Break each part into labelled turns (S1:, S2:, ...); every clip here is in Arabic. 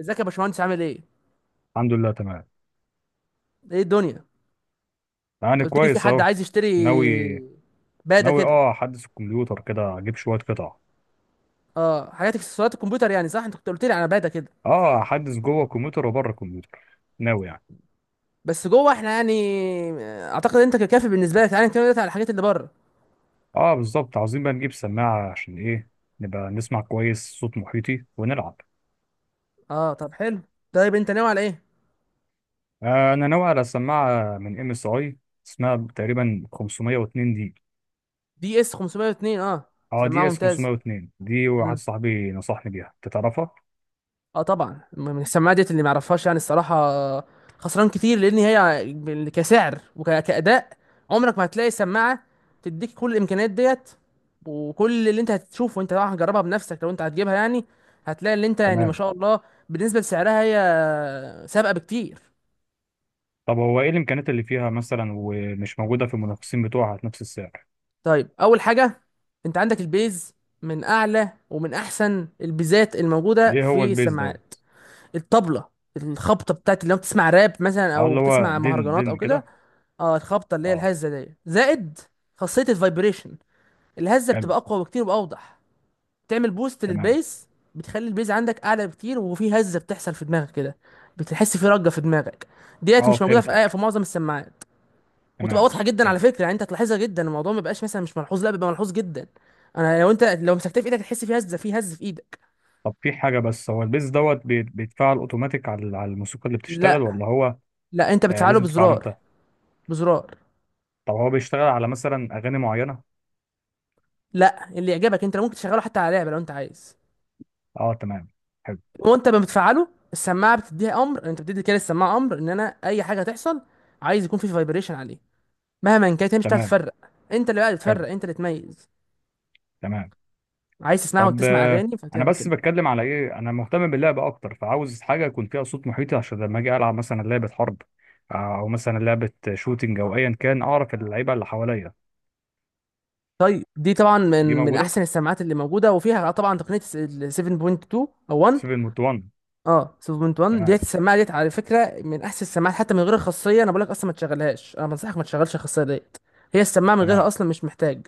S1: ازيك يا باشمهندس؟ عامل ايه؟
S2: الحمد لله تمام.
S1: ايه الدنيا؟ انت
S2: يعني
S1: قلت لي في
S2: كويس
S1: حد
S2: اهو.
S1: عايز يشتري
S2: ناوي.
S1: باده
S2: ناوي
S1: كده.
S2: اه احدث الكمبيوتر كده اجيب شويه قطع.
S1: اه، حاجات اكسسوارات الكمبيوتر يعني. صح، انت كنت قلت لي على باده كده.
S2: اه احدث جوه الكمبيوتر وبره الكمبيوتر. ناوي يعني.
S1: بس جوه احنا يعني. اعتقد انت ككافي بالنسبه لك. تعالى نتكلم دلوقتي على الحاجات اللي بره.
S2: اه بالظبط، عاوزين بقى نجيب سماعه عشان ايه؟ نبقى نسمع كويس صوت محيطي ونلعب.
S1: اه طب حلو. طيب، انت ناوي على ايه؟
S2: انا ناوي على سماعه من ام اس اي. اسمها تقريبا 502 دي.
S1: دي اس 502. اه،
S2: اه دي
S1: سماعه
S2: اس
S1: ممتازه.
S2: 502، دي واحد صاحبي نصحني بيها، أنت تعرفها؟
S1: اه، طبعا من السماعه ديت اللي ما يعرفهاش يعني الصراحه خسران كتير، لان هي كسعر وكاداء عمرك ما هتلاقي سماعه تديك كل الامكانيات ديت. وكل اللي انت هتشوفه، وانت طبعا هتجربها بنفسك لو انت هتجيبها يعني، هتلاقي اللي انت يعني ما
S2: تمام.
S1: شاء الله. بالنسبه لسعرها هي سابقه بكتير.
S2: طب هو ايه الامكانيات اللي فيها مثلا ومش موجوده في المنافسين بتوعها في نفس السعر؟
S1: طيب، اول حاجه انت عندك البيز، من اعلى ومن احسن البيزات الموجوده
S2: ايه هو
S1: في
S2: البيز ده؟
S1: السماعات. الطبله، الخبطه بتاعت لو بتسمع راب مثلا
S2: اه
S1: او
S2: اللي هو
S1: بتسمع
S2: دين
S1: مهرجانات او
S2: دين
S1: كده.
S2: كده.
S1: اه، الخبطه اللي هي
S2: اه.
S1: الهزه دي، زائد خاصيه الفايبريشن. الهزه
S2: حلو.
S1: بتبقى اقوى بكتير واوضح. بتعمل بوست
S2: تمام.
S1: للبيز. بتخلي البيز عندك اعلى بكتير، وفي هزه بتحصل في دماغك كده، بتحس في رجه في دماغك. ديت
S2: اه
S1: مش موجوده في
S2: فهمتك.
S1: في معظم السماعات. وتبقى
S2: تمام.
S1: واضحه جدا على
S2: حلو.
S1: فكره. يعني انت هتلاحظها جدا، الموضوع ما بيبقاش مثلا مش ملحوظ، لا بيبقى ملحوظ جدا. انا لو انت لو مسكتها في ايدك هتحس في هزه في ايدك.
S2: طب في حاجة، بس هو البيز دوت بيتفعل اوتوماتيك على الموسيقى اللي بتشتغل
S1: لا.
S2: ولا هو؟
S1: لا، انت
S2: آه
S1: بتفعله
S2: لازم تفعله
S1: بزرار.
S2: انت.
S1: بزرار.
S2: طب هو بيشتغل على مثلا اغاني معينة؟
S1: لا، اللي يعجبك انت. لو ممكن تشغله حتى على لعبه لو انت عايز.
S2: اه تمام. حلو.
S1: وانت ما بتفعله، السماعه بتديها امر. انت بتدي كده السماعه امر ان انا اي حاجه هتحصل عايز يكون في فايبريشن عليه مهما كانت، هي مش هتعرف
S2: تمام.
S1: تفرق. انت اللي بقى
S2: حلو.
S1: تفرق، انت اللي تميز.
S2: تمام.
S1: عايز تسمعها
S2: طب
S1: وتسمع اغاني
S2: انا
S1: فبتعمل
S2: بس
S1: كده.
S2: بتكلم على ايه، انا مهتم باللعب اكتر فعاوز حاجة يكون فيها صوت محيطي عشان لما اجي العب مثلا لعبة حرب. او مثلا لعبة شوتينج او ايا كان، اعرف اللعيبة اللي حواليا.
S1: طيب، دي طبعا من
S2: دي
S1: من
S2: موجودة.
S1: احسن السماعات اللي موجوده، وفيها طبعا تقنيه ال 7.2 او 1
S2: 7 1.
S1: اه 7.1.
S2: تمام.
S1: ديت السماعه ديت على فكره من احسن السماعات، حتى من غير الخاصيه. انا بقول لك اصلا ما تشغلهاش، انا بنصحك ما تشغلش الخاصيه ديت. هي السماعه من غيرها
S2: تمام
S1: اصلا مش محتاج.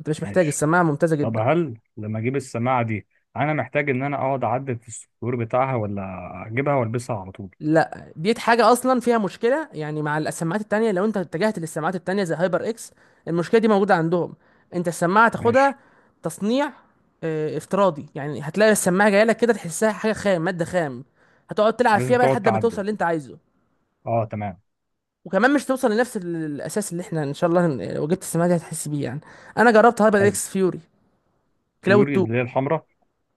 S1: انت مش محتاج،
S2: ماشي.
S1: السماعه ممتازه
S2: طب
S1: جدا.
S2: هل لما اجيب السماعه دي انا محتاج ان انا اقعد اعدل في السطور بتاعها ولا اجيبها والبسها على طول؟
S1: لا، ديت حاجة أصلا فيها مشكلة يعني، مع السماعات التانية. لو أنت اتجهت للسماعات التانية زي هايبر إكس، المشكلة دي موجودة عندهم. أنت السماعة تاخدها
S2: ماشي.
S1: تصنيع افتراضي، يعني هتلاقي السماعة جاية لك كده، تحسها حاجة خام، مادة خام. هتقعد تلعب فيها
S2: لازم
S1: بقى
S2: تقعد
S1: لحد ما توصل
S2: تعدل.
S1: اللي أنت عايزه.
S2: اه تمام.
S1: وكمان مش توصل لنفس الأساس اللي إحنا إن شاء الله لو جبت السماعة دي هتحس بيه يعني. أنا جربت هايبر
S2: حلو.
S1: إكس فيوري كلاود
S2: فيوري
S1: 2.
S2: اللي هي الحمراء؟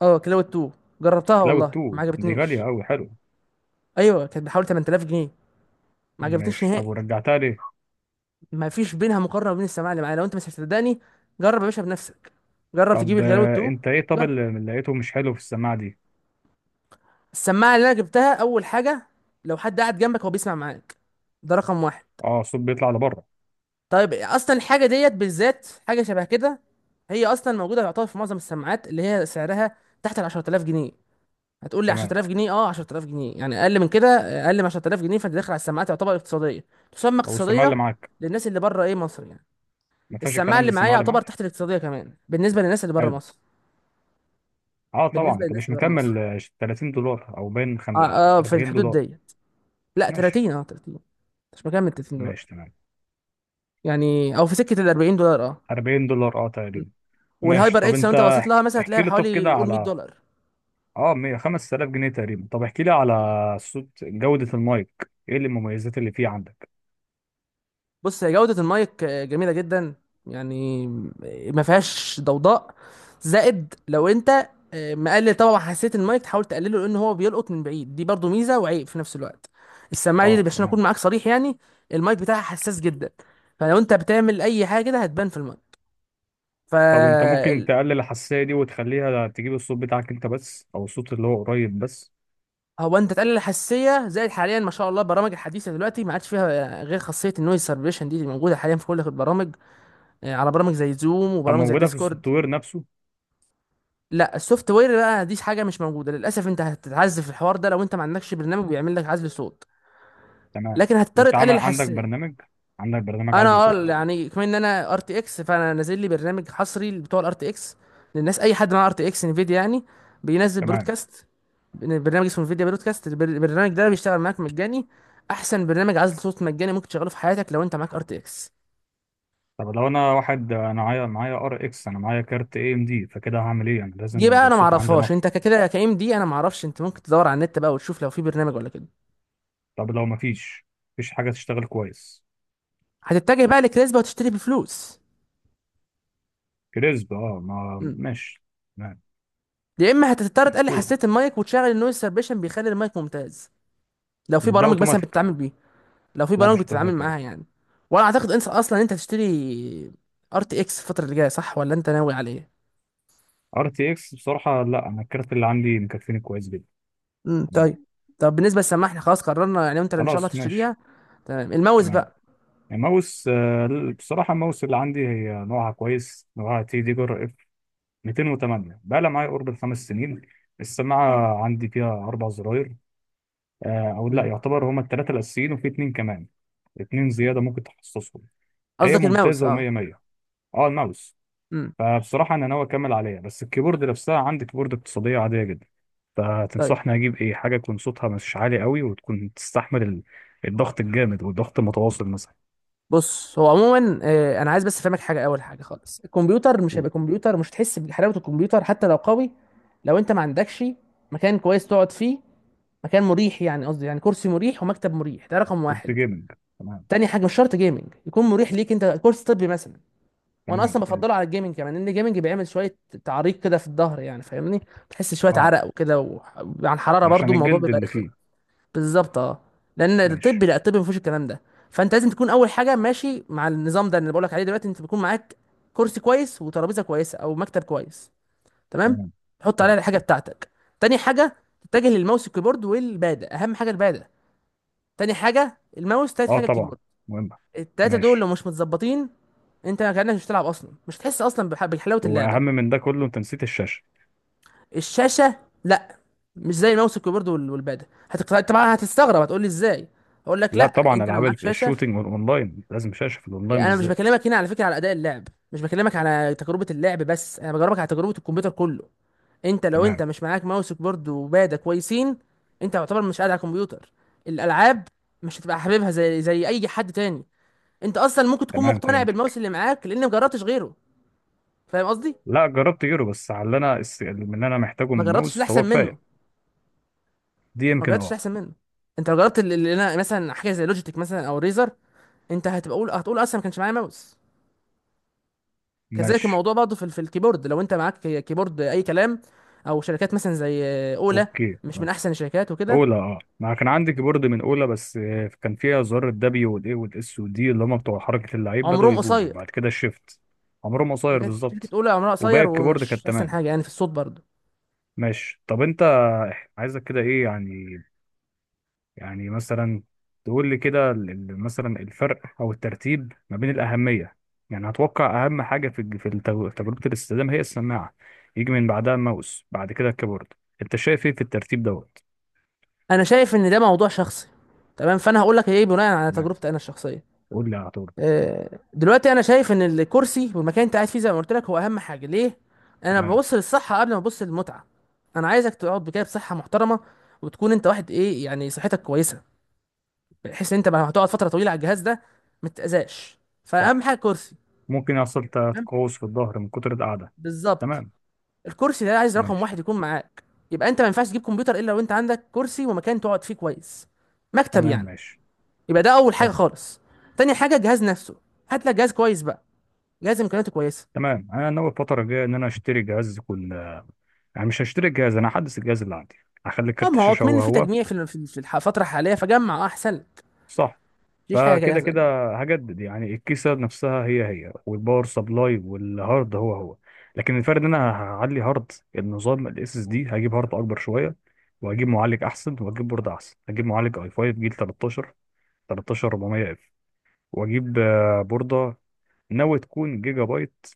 S1: كلاود 2. جربتها
S2: لو
S1: والله ما
S2: التو دي غاليه
S1: عجبتنيش.
S2: قوي، حلو.
S1: أيوه، كانت بحوالي 8000 جنيه. ما عجبتنيش
S2: ماشي. طب
S1: نهائي.
S2: ورجعتها ليه؟
S1: ما فيش بينها مقارنه وبين السماعه اللي معايا. لو انت مش هتصدقني، جرب يا باشا بنفسك. جرب تجيب
S2: طب
S1: الجلاوي التو.
S2: انت ايه، طب
S1: جرب.
S2: اللي لقيته مش حلو في السماعه دي؟
S1: السماعه اللي انا جبتها، اول حاجه لو حد قاعد جنبك هو بيسمع معاك، ده رقم واحد.
S2: اه الصوت بيطلع لبره.
S1: طيب اصلا الحاجه ديت بالذات حاجه شبه كده، هي اصلا موجوده يعتبر في معظم السماعات اللي هي سعرها تحت ال 10000 جنيه. هتقول لي
S2: تمام.
S1: 10000 جنيه؟ اه، 10000 جنيه يعني اقل من كده. اقل من 10000 جنيه فانت داخل على السماعات يعتبر اقتصاديه، تسمى
S2: طب والسماعه
S1: اقتصاديه
S2: اللي معاك
S1: للناس اللي بره ايه مصر يعني.
S2: ما فيهاش
S1: السماعه
S2: الكلام ده؟
S1: اللي معايا
S2: السماعه اللي
S1: يعتبر
S2: معاك.
S1: تحت الاقتصاديه كمان بالنسبه للناس اللي بره
S2: حلو.
S1: مصر.
S2: اه طبعا.
S1: بالنسبه
S2: انت
S1: للناس
S2: مش
S1: اللي بره مصر.
S2: مكمل $30 او بين
S1: اه. اه، في
S2: 40
S1: الحدود
S2: دولار
S1: دي. لا
S2: ماشي.
S1: 30، اه 30. مش مكمل 30 دولار.
S2: ماشي تمام.
S1: يعني او في سكه ال 40 دولار، اه.
S2: $40 اه
S1: م.
S2: تقريبا. ماشي.
S1: والهايبر
S2: طب
S1: اكس لو
S2: انت
S1: انت بصيت لها مثلا هتلاقيها
S2: احكي لي، طب
S1: بحوالي
S2: كده
S1: قول 100
S2: على
S1: دولار
S2: اه 5,000 جنيه تقريبا، طب احكي لي على صوت جودة المايك، ايه المميزات اللي فيه عندك؟
S1: بص، هي جوده المايك جميله جدا يعني، ما فيهاش ضوضاء. زائد لو انت مقلل طبعا حساسيه المايك تحاول تقلله، لان هو بيلقط من بعيد. دي برضو ميزه وعيب في نفس الوقت. السماعه دي،
S2: اه
S1: عشان اكون
S2: تمام.
S1: معاك صريح يعني، المايك بتاعها حساس جدا. فلو انت بتعمل اي حاجه كده هتبان في المايك ف
S2: طب انت ممكن تقلل الحساسية دي وتخليها تجيب الصوت بتاعك انت بس او الصوت اللي هو قريب بس؟
S1: هو انت تقلل الحساسيه زائد. حاليا ما شاء الله البرامج الحديثه دلوقتي ما عادش فيها غير خاصيه النويز سيرفيليشن دي اللي موجوده حاليا في كل البرامج. على برامج زي زوم
S2: طب
S1: وبرامج زي
S2: موجودة في
S1: ديسكورد.
S2: السوفت وير نفسه؟
S1: لا، السوفت وير بقى دي حاجه مش موجوده للاسف. انت هتتعذب في الحوار ده لو انت ما عندكش برنامج بيعمل لك عزل صوت.
S2: تمام.
S1: لكن هتضطر
S2: وانت
S1: تقلل
S2: عامل عندك
S1: الحساسيه.
S2: برنامج؟ عندك برنامج
S1: انا،
S2: عزل
S1: اه،
S2: صوت؟
S1: يعني كمان ان انا ار تي اكس، فانا نازل لي برنامج حصري بتوع الار تي اكس. للناس، اي حد معاه ار تي اكس انفيديا يعني، بينزل
S2: تمام.
S1: برودكاست. برنامج اسمه انفيديا برودكاست. البرنامج ده بيشتغل معاك مجاني. احسن برنامج عزل صوت مجاني ممكن تشغله في حياتك لو انت معاك ار تي اكس.
S2: طب لو انا واحد انا معايا ار اكس، انا معايا كارت اي ام دي، فكده هعمل ايه؟ انا
S1: دي
S2: لازم
S1: بقى
S2: يبقى
S1: انا
S2: الصوت عندي
S1: معرفهاش،
S2: نقي.
S1: انت كده كايم دي انا معرفش. انت ممكن تدور على النت بقى وتشوف لو في برنامج ولا كده.
S2: طب لو مفيش، مفيش حاجة تشتغل كويس؟
S1: هتتجه بقى لكريسبا وتشتري بفلوس.
S2: كريسب اه، ما
S1: مم.
S2: ماشي. تمام.
S1: يا اما هتضطر تقلل
S2: مدفوع.
S1: حساسيه المايك وتشغل النويز سيربيشن، بيخلي المايك ممتاز. لو في
S2: ده
S1: برامج مثلا
S2: اوتوماتيك؟
S1: بتتعامل بيها، لو في
S2: لا
S1: برامج
S2: مش
S1: بتتعامل
S2: اوتوماتيك
S1: معاها
S2: برضه.
S1: يعني. وانا اعتقد انسى اصلا انت تشتري ار تي اكس الفتره اللي جايه، صح ولا انت ناوي على ايه؟
S2: ار تي اكس بصراحة لا، انا الكارت اللي عندي مكفيني كويس جدا. تمام.
S1: طيب. طب بالنسبه للسماعه احنا خلاص قررنا، يعني انت ان شاء الله
S2: خلاص ماشي.
S1: تشتريها. تمام، الماوس
S2: تمام.
S1: بقى.
S2: الماوس بصراحة الماوس اللي عندي هي نوعها كويس، نوعها تي دي جر اف 208، بقى لها معايا قرب الخمس سنين. السماعة عندي فيها أربع زراير أو لا
S1: امم
S2: يعتبر هما التلاتة الأساسيين وفي اتنين كمان. اتنين زيادة ممكن تخصصهم. هي
S1: قصدك الماوس؟
S2: ممتازة
S1: اه.
S2: ومية مية. اه الماوس.
S1: امم
S2: فبصراحة أنا ناوي أكمل عليها، بس الكيبورد نفسها عندي كيبورد اقتصادية عادية جدا،
S1: طيب.
S2: فتنصحني أجيب إيه؟ حاجة يكون صوتها مش عالي قوي وتكون تستحمل الضغط الجامد والضغط المتواصل مثلا.
S1: بص، هو عموما انا عايز بس افهمك حاجه. اول حاجه خالص، الكمبيوتر مش
S2: قول.
S1: هيبقى كمبيوتر، مش هتحس بحلاوه الكمبيوتر حتى لو قوي، لو انت ما عندكش مكان كويس تقعد فيه، مكان مريح يعني. قصدي يعني كرسي مريح ومكتب مريح، ده رقم
S2: كنت
S1: واحد.
S2: جيمنج. تمام.
S1: تاني حاجه مش شرط جيمنج، يكون مريح ليك، انت كورس طبي مثلا. وانا
S2: تمام.
S1: اصلا
S2: حلو.
S1: بفضله على الجيمنج كمان، لان الجيمنج بيعمل شويه تعريق كده في الظهر، يعني فاهمني، بتحس شويه
S2: أه
S1: عرق وكده. وعن حراره برضو
S2: عشان
S1: الموضوع
S2: الجلد
S1: بيبقى
S2: اللي
S1: رخم.
S2: فيه.
S1: بالظبط اه. لان الطب،
S2: ماشي.
S1: لا، الطب ما فيهوش الكلام ده. فانت لازم تكون اول حاجه ماشي مع النظام ده اللي بقولك عليه دلوقتي. انت بيكون معاك كرسي كويس وترابيزه كويسه او مكتب كويس، تمام،
S2: تمام.
S1: تحط
S2: حلو.
S1: عليها الحاجه بتاعتك. تاني حاجه تتجه للماوس، الكيبورد، والباده. اهم حاجه الباده، تاني حاجه الماوس، تالت
S2: أه
S1: حاجه
S2: طبعا
S1: الكيبورد.
S2: مهمة.
S1: التلاتة دول لو
S2: ماشي.
S1: مش متظبطين انت كانك مش بتلعب اصلا، مش هتحس اصلا بحلاوه اللعبه.
S2: وأهم من ده كله أنت نسيت الشاشة.
S1: الشاشه؟ لا، مش زي الماوس والكيبورد والباده. طبعا هتستغرب، هتقول لي ازاي، اقول لك
S2: لا
S1: لا،
S2: طبعا،
S1: انت لو
S2: ألعاب
S1: معاك شاشه.
S2: الشوتينج والأونلاين لازم شاشة، في الأونلاين
S1: يعني انا مش
S2: بالذات.
S1: بكلمك هنا على فكره على اداء اللعب، مش بكلمك على تجربه اللعب بس، انا بجربك على تجربه الكمبيوتر كله. انت لو انت
S2: تمام.
S1: مش معاك ماوس وكيبورد وباده كويسين، انت يعتبر مش قاعد على الكمبيوتر. الالعاب مش هتبقى حاببها زي اي حد تاني. انت اصلا ممكن تكون
S2: تمام
S1: مقتنع بالماوس
S2: فهمتك.
S1: اللي معاك لان ما جربتش غيره، فاهم قصدي؟
S2: لا جربت يورو بس، على اللي انا اللي انا محتاجه من
S1: ما جربتش اللي
S2: الماوس
S1: احسن
S2: هو
S1: منه،
S2: كفايه. دي
S1: ما
S2: يمكن
S1: جربتش
S2: اه.
S1: احسن منه. انت لو جربت اللي انا مثلا حاجه زي لوجيتك مثلا او ريزر، انت هتبقى قول هتقول اصلا ما كانش معايا ماوس. كذلك
S2: ماشي
S1: الموضوع برضه في الكيبورد لو انت معاك كيبورد اي كلام، او شركات مثلا زي اولا،
S2: اوكي
S1: مش من
S2: تمام.
S1: احسن الشركات وكده.
S2: اولى اه ما كان عندي كيبورد من اولى، بس كان فيها زرار الدبليو والاي والاس والدي اللي هم بتوع حركه اللعيب بداوا
S1: عمرهم
S2: يبوظوا
S1: قصير.
S2: بعد كده الشيفت. عمرهم قصير
S1: شركه
S2: بالظبط.
S1: اولا عمرها
S2: وباقي
S1: قصير
S2: الكيبورد
S1: ومش
S2: كانت
S1: احسن
S2: تمام.
S1: حاجه يعني في الصوت برضه.
S2: ماشي. طب انت عايزك كده ايه يعني؟ يعني مثلا تقول لي كده مثلا الفرق او الترتيب ما بين الاهميه. يعني هتوقع اهم حاجه في تجربه الاستخدام هي السماعه، يجي من بعدها الماوس بعد كده الكيبورد. انت شايف ايه في الترتيب ده؟
S1: انا شايف ان ده موضوع شخصي، تمام. فانا هقول لك ايه بناء على
S2: تمام.
S1: تجربتي انا الشخصيه.
S2: قول لي هتقول.
S1: دلوقتي انا شايف ان الكرسي والمكان اللي انت قاعد فيه، زي ما قلت لك هو اهم حاجه ليه. انا
S2: تمام.
S1: ببص للصحه قبل ما ابص للمتعه. انا عايزك تقعد بكده بصحه محترمه، وتكون انت واحد ايه يعني صحتك كويسه، بحيث ان انت لما هتقعد فتره طويله على الجهاز ده ما تتاذاش، فاهم
S2: صح.
S1: حاجه؟ كرسي،
S2: ممكن يحصل
S1: تمام،
S2: تقوس في الظهر من كتر القعدة.
S1: بالظبط.
S2: تمام.
S1: الكرسي ده عايز رقم
S2: ماشي.
S1: واحد يكون معاك. يبقى انت ما ينفعش تجيب كمبيوتر الا لو انت عندك كرسي ومكان تقعد فيه كويس، مكتب
S2: تمام.
S1: يعني.
S2: ماشي.
S1: يبقى ده اول حاجه
S2: حلو.
S1: خالص. تاني حاجه الجهاز نفسه، هات لك جهاز كويس بقى، جهاز امكانياته كويسه.
S2: تمام. انا ناوي الفترة الجاية ان انا اشتري جهاز كل، يعني مش هشتري الجهاز، انا هحدث الجهاز اللي عندي، هخلي
S1: اه،
S2: كارت
S1: ما هو
S2: الشاشة
S1: كمان
S2: هو
S1: في
S2: هو.
S1: تجميع في الفترة الحالية، فجمع اه احسن لك.
S2: صح.
S1: مفيش حاجة
S2: فكده
S1: جاهزة
S2: كده
S1: يعني.
S2: هجدد يعني الكيسة نفسها هي هي، والباور سبلاي والهارد هو هو، لكن الفرق ان انا هعلي هارد النظام الاس اس دي، هجيب هارد اكبر شوية، وهجيب معالج احسن، وهجيب بورد احسن، هجيب معالج اي 5 جيل 13، 13400 اف، واجيب بوردة ناوي تكون جيجا بايت،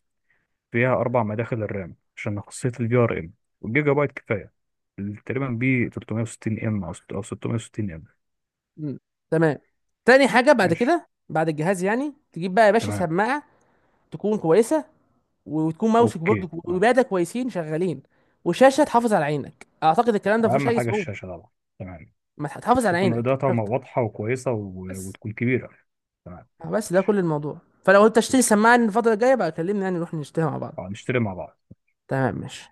S2: فيها اربع مداخل الرام عشان خاصية الفي ار ام، والجيجا بايت كفاية تقريبا بي 360 ام او أو 660 ام.
S1: مم. تمام. تاني حاجة بعد
S2: ماشي
S1: كده بعد الجهاز يعني تجيب بقى يا باشا
S2: تمام.
S1: سماعة تكون كويسة، وتكون ماوسك برضه
S2: اوكي تمام.
S1: وبادة كويسين شغالين، وشاشة تحافظ على عينك. اعتقد الكلام ده مفيهوش
S2: اهم
S1: اي
S2: حاجة
S1: صعوبة.
S2: الشاشة طبعا. تمام.
S1: ما تح- تحافظ على
S2: تكون
S1: عينك مش
S2: اضاءتها
S1: اكتر،
S2: واضحة وكويسة و...
S1: بس.
S2: وتكون كبيرة. تمام
S1: بس ده
S2: ماشي
S1: كل الموضوع. فلو انت تشتري
S2: اوكي.
S1: سماعة الفترة الجاية بقى كلمني، يعني نروح نشتريها مع بعض.
S2: نشتري مع بعض.
S1: تمام، ماشي.